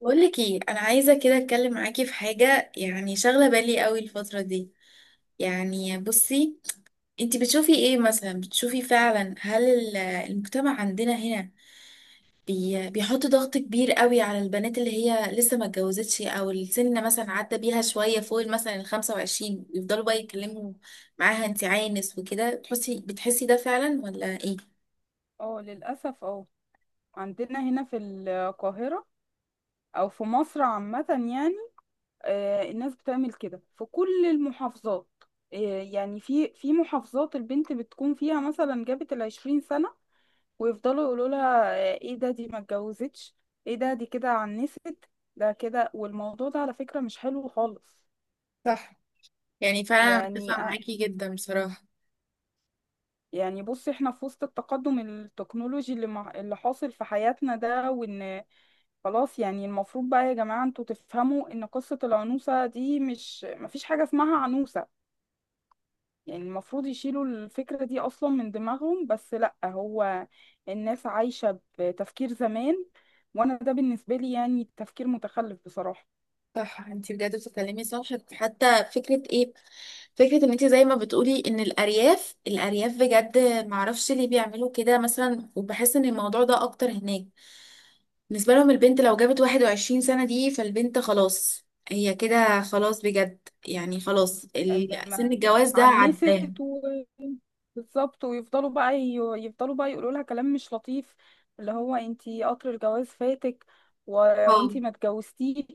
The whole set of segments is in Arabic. بقولك ايه، انا عايزه كده اتكلم معاكي في حاجه يعني شاغله بالي قوي الفتره دي. يعني بصي، انتي بتشوفي ايه مثلا؟ بتشوفي فعلا هل المجتمع عندنا هنا بيحط ضغط كبير قوي على البنات اللي هي لسه ما اتجوزتش او السن مثلا عدى بيها شويه فوق مثلا ال 25، يفضلوا بقى يتكلموا معاها انتي عانس وكده؟ تحسي بتحسي ده فعلا ولا ايه؟ اه، للأسف. اه عندنا هنا في القاهرة، أو في مصر عامة، يعني. الناس بتعمل كده في كل المحافظات. يعني في محافظات البنت بتكون فيها مثلا جابت 20 سنة، ويفضلوا يقولوا لها: ايه ده، دي ما اتجوزتش؟ ايه ده، دي كده عنست؟ ده كده. والموضوع ده على فكرة مش حلو خالص. صح، يعني فعلا أنا يعني متفقة معاكي جدا بصراحة. يعني بصي، احنا في وسط التقدم التكنولوجي اللي حاصل في حياتنا ده. وان خلاص، يعني المفروض بقى يا جماعة انتوا تفهموا ان قصة العنوسة دي مش مفيش حاجة اسمها عنوسة. يعني المفروض يشيلوا الفكرة دي اصلا من دماغهم، بس لا، هو الناس عايشة بتفكير زمان، وانا ده بالنسبة لي يعني تفكير متخلف بصراحة. صح، انتي بجد بتتكلمي صح. حتى فكرة ايه، فكرة ان انت زي ما بتقولي ان الارياف بجد، معرفش ليه بيعملوا كده مثلا، وبحس ان الموضوع ده اكتر هناك. بالنسبة لهم البنت لو جابت 21 سنة دي، فالبنت خلاص هي كده، خلاص بجد. يعني خلاص سن ما- الجواز ده عنست عداه. بالظبط. ويفضلوا بقى يفضلوا بقى يقولوا لها كلام مش لطيف، اللي هو انتي قطر الجواز فاتك و... اه، وانتي ما اتجوزتيش،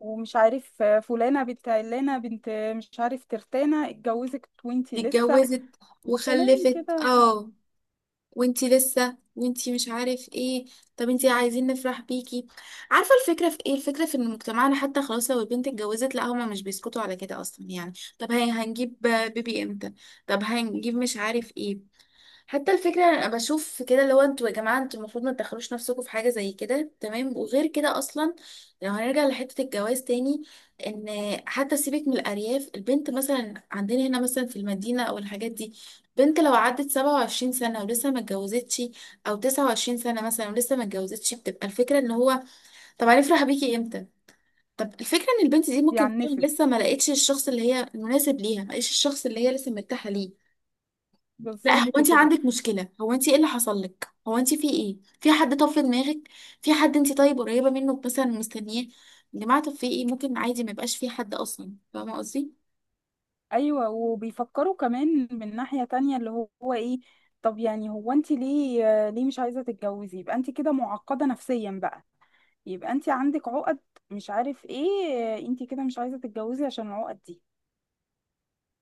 ومش عارف فلانة بنت علانة بنت، مش عارف ترتانة اتجوزت وانتي دي لسه، اتجوزت وكلام وخلفت. كده. اه وانتي لسه، وانتي مش عارف ايه. طب انتي عايزين نفرح بيكي. عارفه الفكره في ايه؟ الفكره في ان مجتمعنا حتى خلاص لو البنت اتجوزت لا هما مش بيسكتوا على كده اصلا. يعني طب هي هنجيب بيبي امتى؟ طب هنجيب مش عارف ايه. حتى الفكرة انا بشوف كده اللي هو انتوا يا جماعة، انتوا المفروض ما تدخلوش نفسكم في حاجة زي كده، تمام؟ وغير كده اصلا لو هنرجع لحتة الجواز تاني، ان حتى سيبك من الارياف، البنت مثلا عندنا هنا مثلا في المدينة او الحاجات دي، بنت لو عدت 27 سنة ولسه ما اتجوزتش او 29 سنة مثلا ولسه ما اتجوزتش، بتبقى الفكرة ان هو طب هنفرح بيكي امتى؟ طب الفكرة ان البنت دي ممكن فعلا يعنست، لسه ما لقيتش الشخص اللي هي المناسب ليها، ما لقيتش الشخص اللي هي لسه مرتاحة ليه. لا هو بالظبط انت كده. عندك مشكلة، هو انت ايه اللي حصل لك، هو انت في ايه، في حد طف في دماغك، في حد انت طيب قريبة منه مثلا مستنياه؟ يا جماعة طب في ايه، ممكن عادي ما يبقاش في حد اصلا، فاهمة قصدي؟ ايوه، وبيفكروا كمان من ناحية تانية اللي هو ايه؟ طب يعني، هو انتي ليه مش عايزة تتجوزي؟ يبقى انتي كده معقدة نفسيا بقى، يبقى انت عندك عقد، مش عارف ايه، انت كده مش عايزة تتجوزي عشان العقد دي.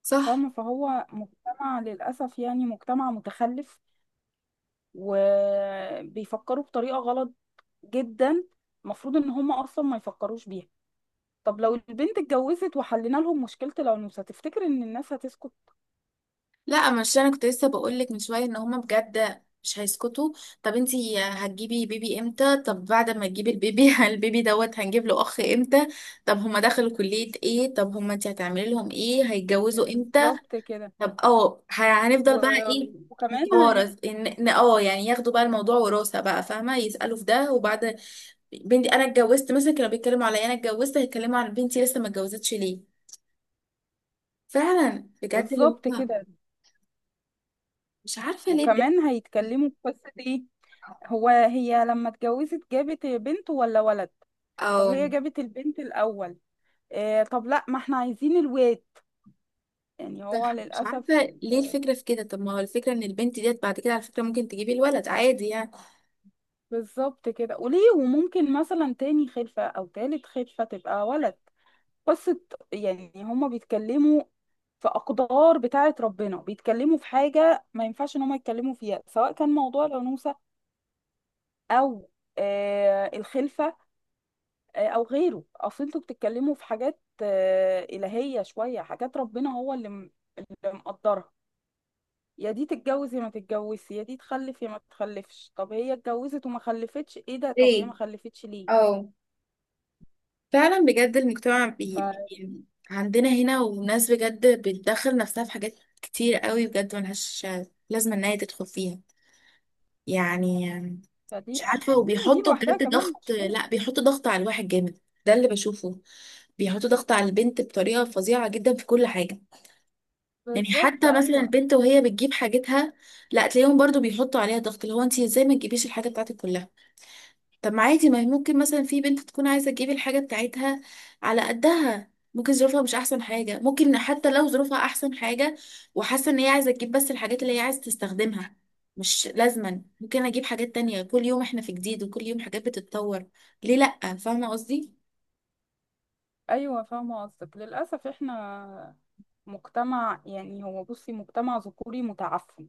صح. فاهمة؟ فهو مجتمع للأسف يعني، مجتمع متخلف، وبيفكروا بطريقة غلط جدا. المفروض ان هم اصلا ما يفكروش بيها. طب لو البنت اتجوزت وحلينا لهم مشكلة الأنوثة، تفتكر ان الناس هتسكت؟ لا، مش انا كنت لسه بقول لك من شوية ان هما بجد مش هيسكتوا. طب انت هتجيبي بيبي امتى؟ طب بعد ما تجيبي البيبي البيبي دوت هنجيب له اخ امتى؟ طب هما دخلوا كلية ايه؟ طب هما انت هتعملي لهم ايه؟ هيتجوزوا امتى؟ بالظبط كده. طب اه، و... هنفضل بقى ايه، وكمان هي. نتوارث؟ ان إن اه يعني ياخدوا بقى الموضوع وراثة بقى، فاهمة؟ يسألوا في ده، وبعد بنتي انا اتجوزت مثلا كانوا بيتكلموا عليا انا اتجوزت، هيتكلموا عن بنتي لسه ما اتجوزتش ليه. فعلا بجد اللي بالظبط هو كده، مش عارفة ليه بجد. وكمان هيتكلموا في قصة ايه: هو هي لما اتجوزت جابت بنت ولا ولد؟ طب او هي جابت البنت الأول. طب لا، ما احنا عايزين الواد. يعني هو صح مش للأسف عارفة ليه الفكرة في كده. طب ما هو الفكرة ان البنت ديت بعد كده على فكرة ممكن تجيبي الولد عادي يعني. بالظبط كده. وليه؟ وممكن مثلا تاني خلفة أو تالت خلفة تبقى ولد. قصة. يعني هما بيتكلموا في أقدار بتاعة ربنا، بيتكلموا في حاجة ما ينفعش إن هما يتكلموا فيها، سواء كان موضوع الأنوثة أو الخلفة أو غيره. أصل انتوا بتتكلموا في حاجات إلهية، شوية حاجات ربنا هو اللي مقدرها. يا دي تتجوز يا ما تتجوزش، يا دي تخلف يا ما تخلفش. طب هي اتجوزت وما خلفتش، ايه ده؟ طب هي ليه؟ ما خلفتش ليه؟ اه فعلا بجد المجتمع ف... عندنا هنا، وناس بجد بتدخل نفسها في حاجات كتير قوي بجد ملهاش لازمة ان هي تدخل فيها. يعني فدي، مش عارفة، لأن دي وبيحطوا لوحدها بجد كمان ضغط، مشكلة. لا بيحطوا ضغط على الواحد جامد، ده اللي بشوفه. بيحطوا ضغط على البنت بطريقة فظيعة جدا في كل حاجة. يعني بالظبط حتى مثلا ايوه. البنت وهي بتجيب حاجتها لا تلاقيهم برضو بيحطوا عليها ضغط اللي هو انت ازاي ما تجيبيش الحاجة بتاعتك كلها. طب ما عادي، ما هي ممكن مثلا في بنت تكون عايزة تجيب الحاجة بتاعتها على قدها، ممكن ظروفها مش أحسن حاجة، ممكن حتى لو ظروفها أحسن حاجة وحاسة إن هي عايزة تجيب بس الحاجات اللي هي عايزة تستخدمها. مش لازما ممكن أجيب حاجات تانية، كل يوم إحنا في جديد وكل يوم حاجات بتتطور. ليه لأ؟ فاهمة قصدي؟ ايوه، فاهمة قصدك. للأسف احنا مجتمع، يعني هو بصي، مجتمع ذكوري متعفن.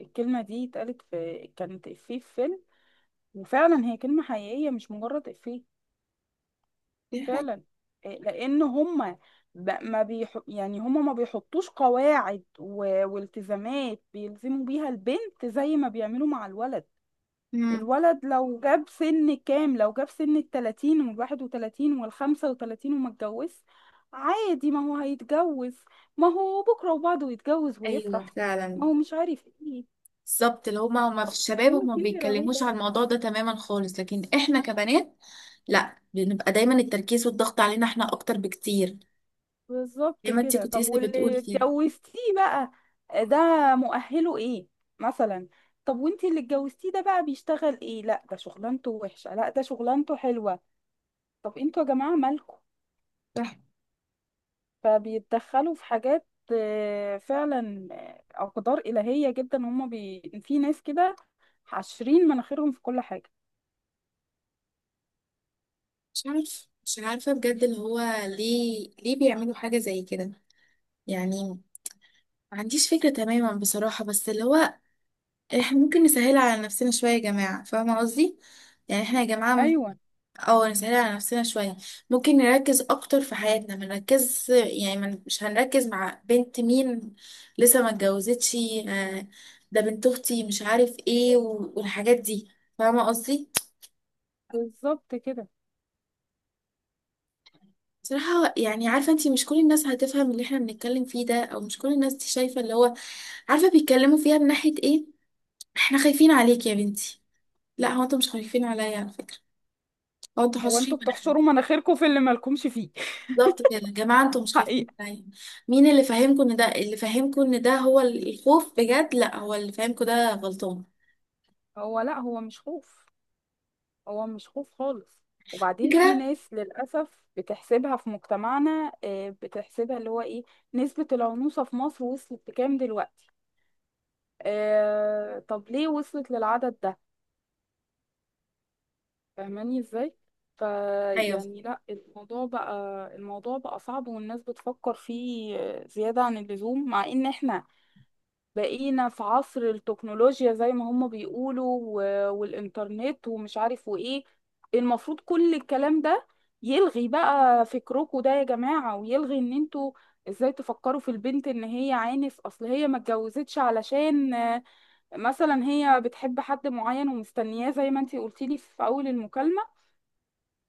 الكلمة دي اتقالت كانت إفيه في فيلم، وفعلا هي كلمة حقيقية مش مجرد إفيه. دي حاجة. فعلا. إيه، لان هم ب- ما بيح... يعني هم ما بيحطوش قواعد والتزامات بيلزموا بيها البنت زي ما بيعملوا مع الولد. امم الولد لو جاب سن كام، لو جاب سن 30 و31 و35 وما اتجوز، عادي، ما هو هيتجوز. ما هو بكرة وبعده يتجوز ايوه ويفرح، فعلا. ما هو مش عارف ايه. بالظبط اللي هما، هما في طب الشباب هما هو ما كبر اهو. بيتكلموش على الموضوع ده تماما خالص، لكن احنا كبنات لا، بنبقى دايما التركيز والضغط علينا احنا اكتر بكتير. بالظبط زي ما انت كده. كنت طب لسه واللي بتقولي كده اتجوزتيه بقى ده مؤهله ايه مثلا؟ طب وانتي اللي اتجوزتيه ده بقى بيشتغل ايه؟ لا ده شغلانته وحشة، لا ده شغلانته حلوة. طب انتوا يا جماعة مالكوا؟ صح. فبيتدخلوا في حاجات. فعلا، أقدار إلهية جدا. هما في ناس كده حاشرين مناخيرهم في كل حاجة. مش عارف، مش عارفة بجد اللي هو ليه، ليه بيعملوا حاجة زي كده؟ يعني ما عنديش فكرة تماما بصراحة، بس اللي هو احنا ممكن نسهل على نفسنا شوية يا جماعة، فاهمة قصدي؟ يعني احنا يا جماعة ايوه اه نسهل على نفسنا شوية. ممكن نركز أكتر في حياتنا، ما نركز يعني ما ن- مش هنركز مع بنت مين لسه ما اتجوزتش، آه، ده بنت أختي مش عارف ايه، والحاجات دي. فاهمة قصدي؟ بالظبط كده. بصراحة يعني عارفة انتي مش كل الناس هتفهم اللي احنا بنتكلم فيه ده، او مش كل الناس دي شايفة اللي هو عارفة بيتكلموا فيها من ناحية ايه. احنا خايفين عليك يا بنتي، لا هو انتوا مش خايفين عليا على فكرة، هو انتوا هو حاشرين انتوا مناخيركم. بتحشروا مناخيركم في اللي مالكمش فيه. بالظبط كده، يا جماعة انتوا مش خايفين حقيقة. عليا. مين اللي فاهمكم ان ده، اللي فاهمكم ان ده هو الخوف بجد، لا، هو اللي فاهمكم ده غلطان. هو لا، هو مش خوف، هو مش خوف خالص. وبعدين في فكرة. ناس للأسف بتحسبها في مجتمعنا، بتحسبها اللي هو ايه: نسبة العنوسة في مصر وصلت لكام دلوقتي؟ طب ليه وصلت للعدد ده؟ فاهماني ازاي؟ ايوه، فيعني لا، الموضوع بقى صعب، والناس بتفكر فيه زيادة عن اللزوم. مع ان احنا بقينا في عصر التكنولوجيا زي ما هم بيقولوا، والإنترنت، ومش عارف وإيه. المفروض كل الكلام ده يلغي بقى فكركم ده يا جماعة، ويلغي إن انتوا ازاي تفكروا في البنت ان هي عانس. اصل هي ما اتجوزتش علشان مثلا هي بتحب حد معين ومستنياه زي ما انتي قلتيلي في اول المكالمة،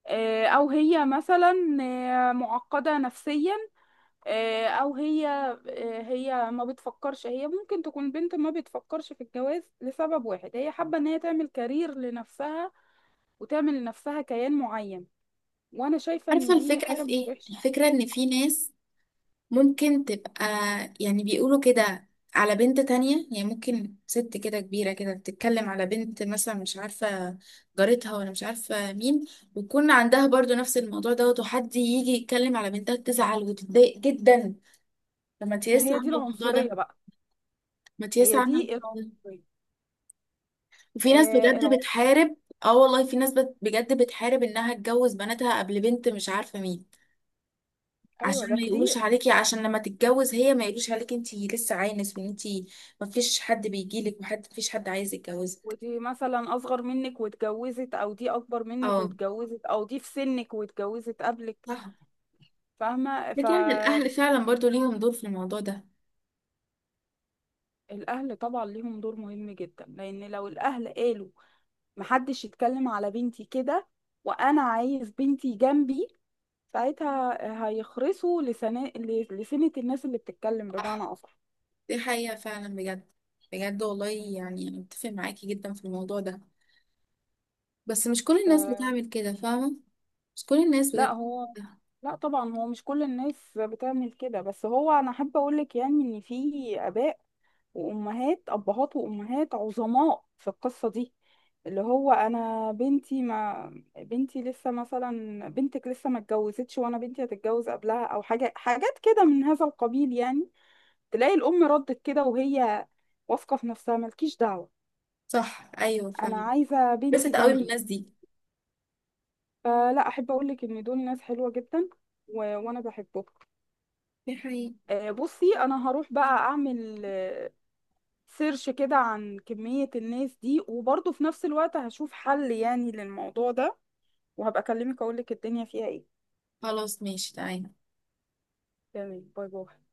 او هي مثلا معقدة نفسيا، آه، او هي آه، هي ما بتفكرش، هي ممكن تكون بنت ما بتفكرش في الجواز لسبب واحد: هي حابة ان هي تعمل كارير لنفسها، وتعمل لنفسها كيان معين. وانا شايفة عارفة ان دي الفكرة حاجة في مش ايه؟ وحشة. الفكرة ان في ناس ممكن تبقى يعني بيقولوا كده على بنت تانية. يعني ممكن ست كده كبيرة كده بتتكلم على بنت مثلا مش عارفة جارتها ولا مش عارفة مين، ويكون عندها برضو نفس الموضوع دوت، وحد يجي يتكلم على بنتها تزعل وتتضايق جدا. لما ما تياس هي دي عاملة الموضوع العنصرية ده، بقى، ما تياس هي عاملة دي الموضوع ده. العنصرية. وفي ناس آه بجد العنصر. بتحارب. اه والله في ناس بجد بتحارب انها تجوز بناتها قبل بنت مش عارفة مين، ايوه عشان ده ما يقولوش كتير. عليكي. عشان لما تتجوز هي ما يقولوش عليكي انتي لسه عانس وان انتي ما فيش حد بيجيلك وحد، ما فيش حد عايز يتجوزك. ودي مثلا اصغر منك واتجوزت، او دي اكبر منك اه، واتجوزت، او دي في سنك واتجوزت قبلك. صح. فاهمة؟ لكن يعني الاهل فعلا برضو ليهم دور في الموضوع ده. الاهل طبعا ليهم دور مهم جدا، لان لو الاهل قالوا محدش يتكلم على بنتي كده، وانا عايز بنتي جنبي، ساعتها هيخرسوا لسنة الناس اللي بتتكلم، بمعنى صح، اصح. دي حقيقة فعلا بجد. بجد والله يعني أنا متفق معاكي جدا في الموضوع ده، بس مش كل ف... الناس بتعمل كده، فاهمة؟ مش كل الناس لا بجد. هو لا طبعا هو مش كل الناس بتعمل كده، بس هو انا احب اقولك يعني ان في اباء وامهات ابهات وامهات عظماء في القصة دي، اللي هو انا بنتي ما بنتي لسه مثلا بنتك لسه ما اتجوزتش، وانا بنتي هتتجوز قبلها، او حاجات كده من هذا القبيل، يعني تلاقي الأم ردت كده وهي واثقة في نفسها: مالكيش دعوة، صح، أيوة أنا فعلا. عايزة بس بنتي قوي من جنبي. الناس دي. فلا أحب أقولك إن دول ناس حلوة جدا وأنا بحبهم. دي حقيقة. بصي أنا هروح بقى أعمل سيرش كده عن كمية الناس دي، وبرضه في نفس الوقت هشوف حل يعني للموضوع ده، وهبقى أكلمك أقولك الدنيا فيها إيه. خلاص، ماشي، تعالي. تمام، باي باي.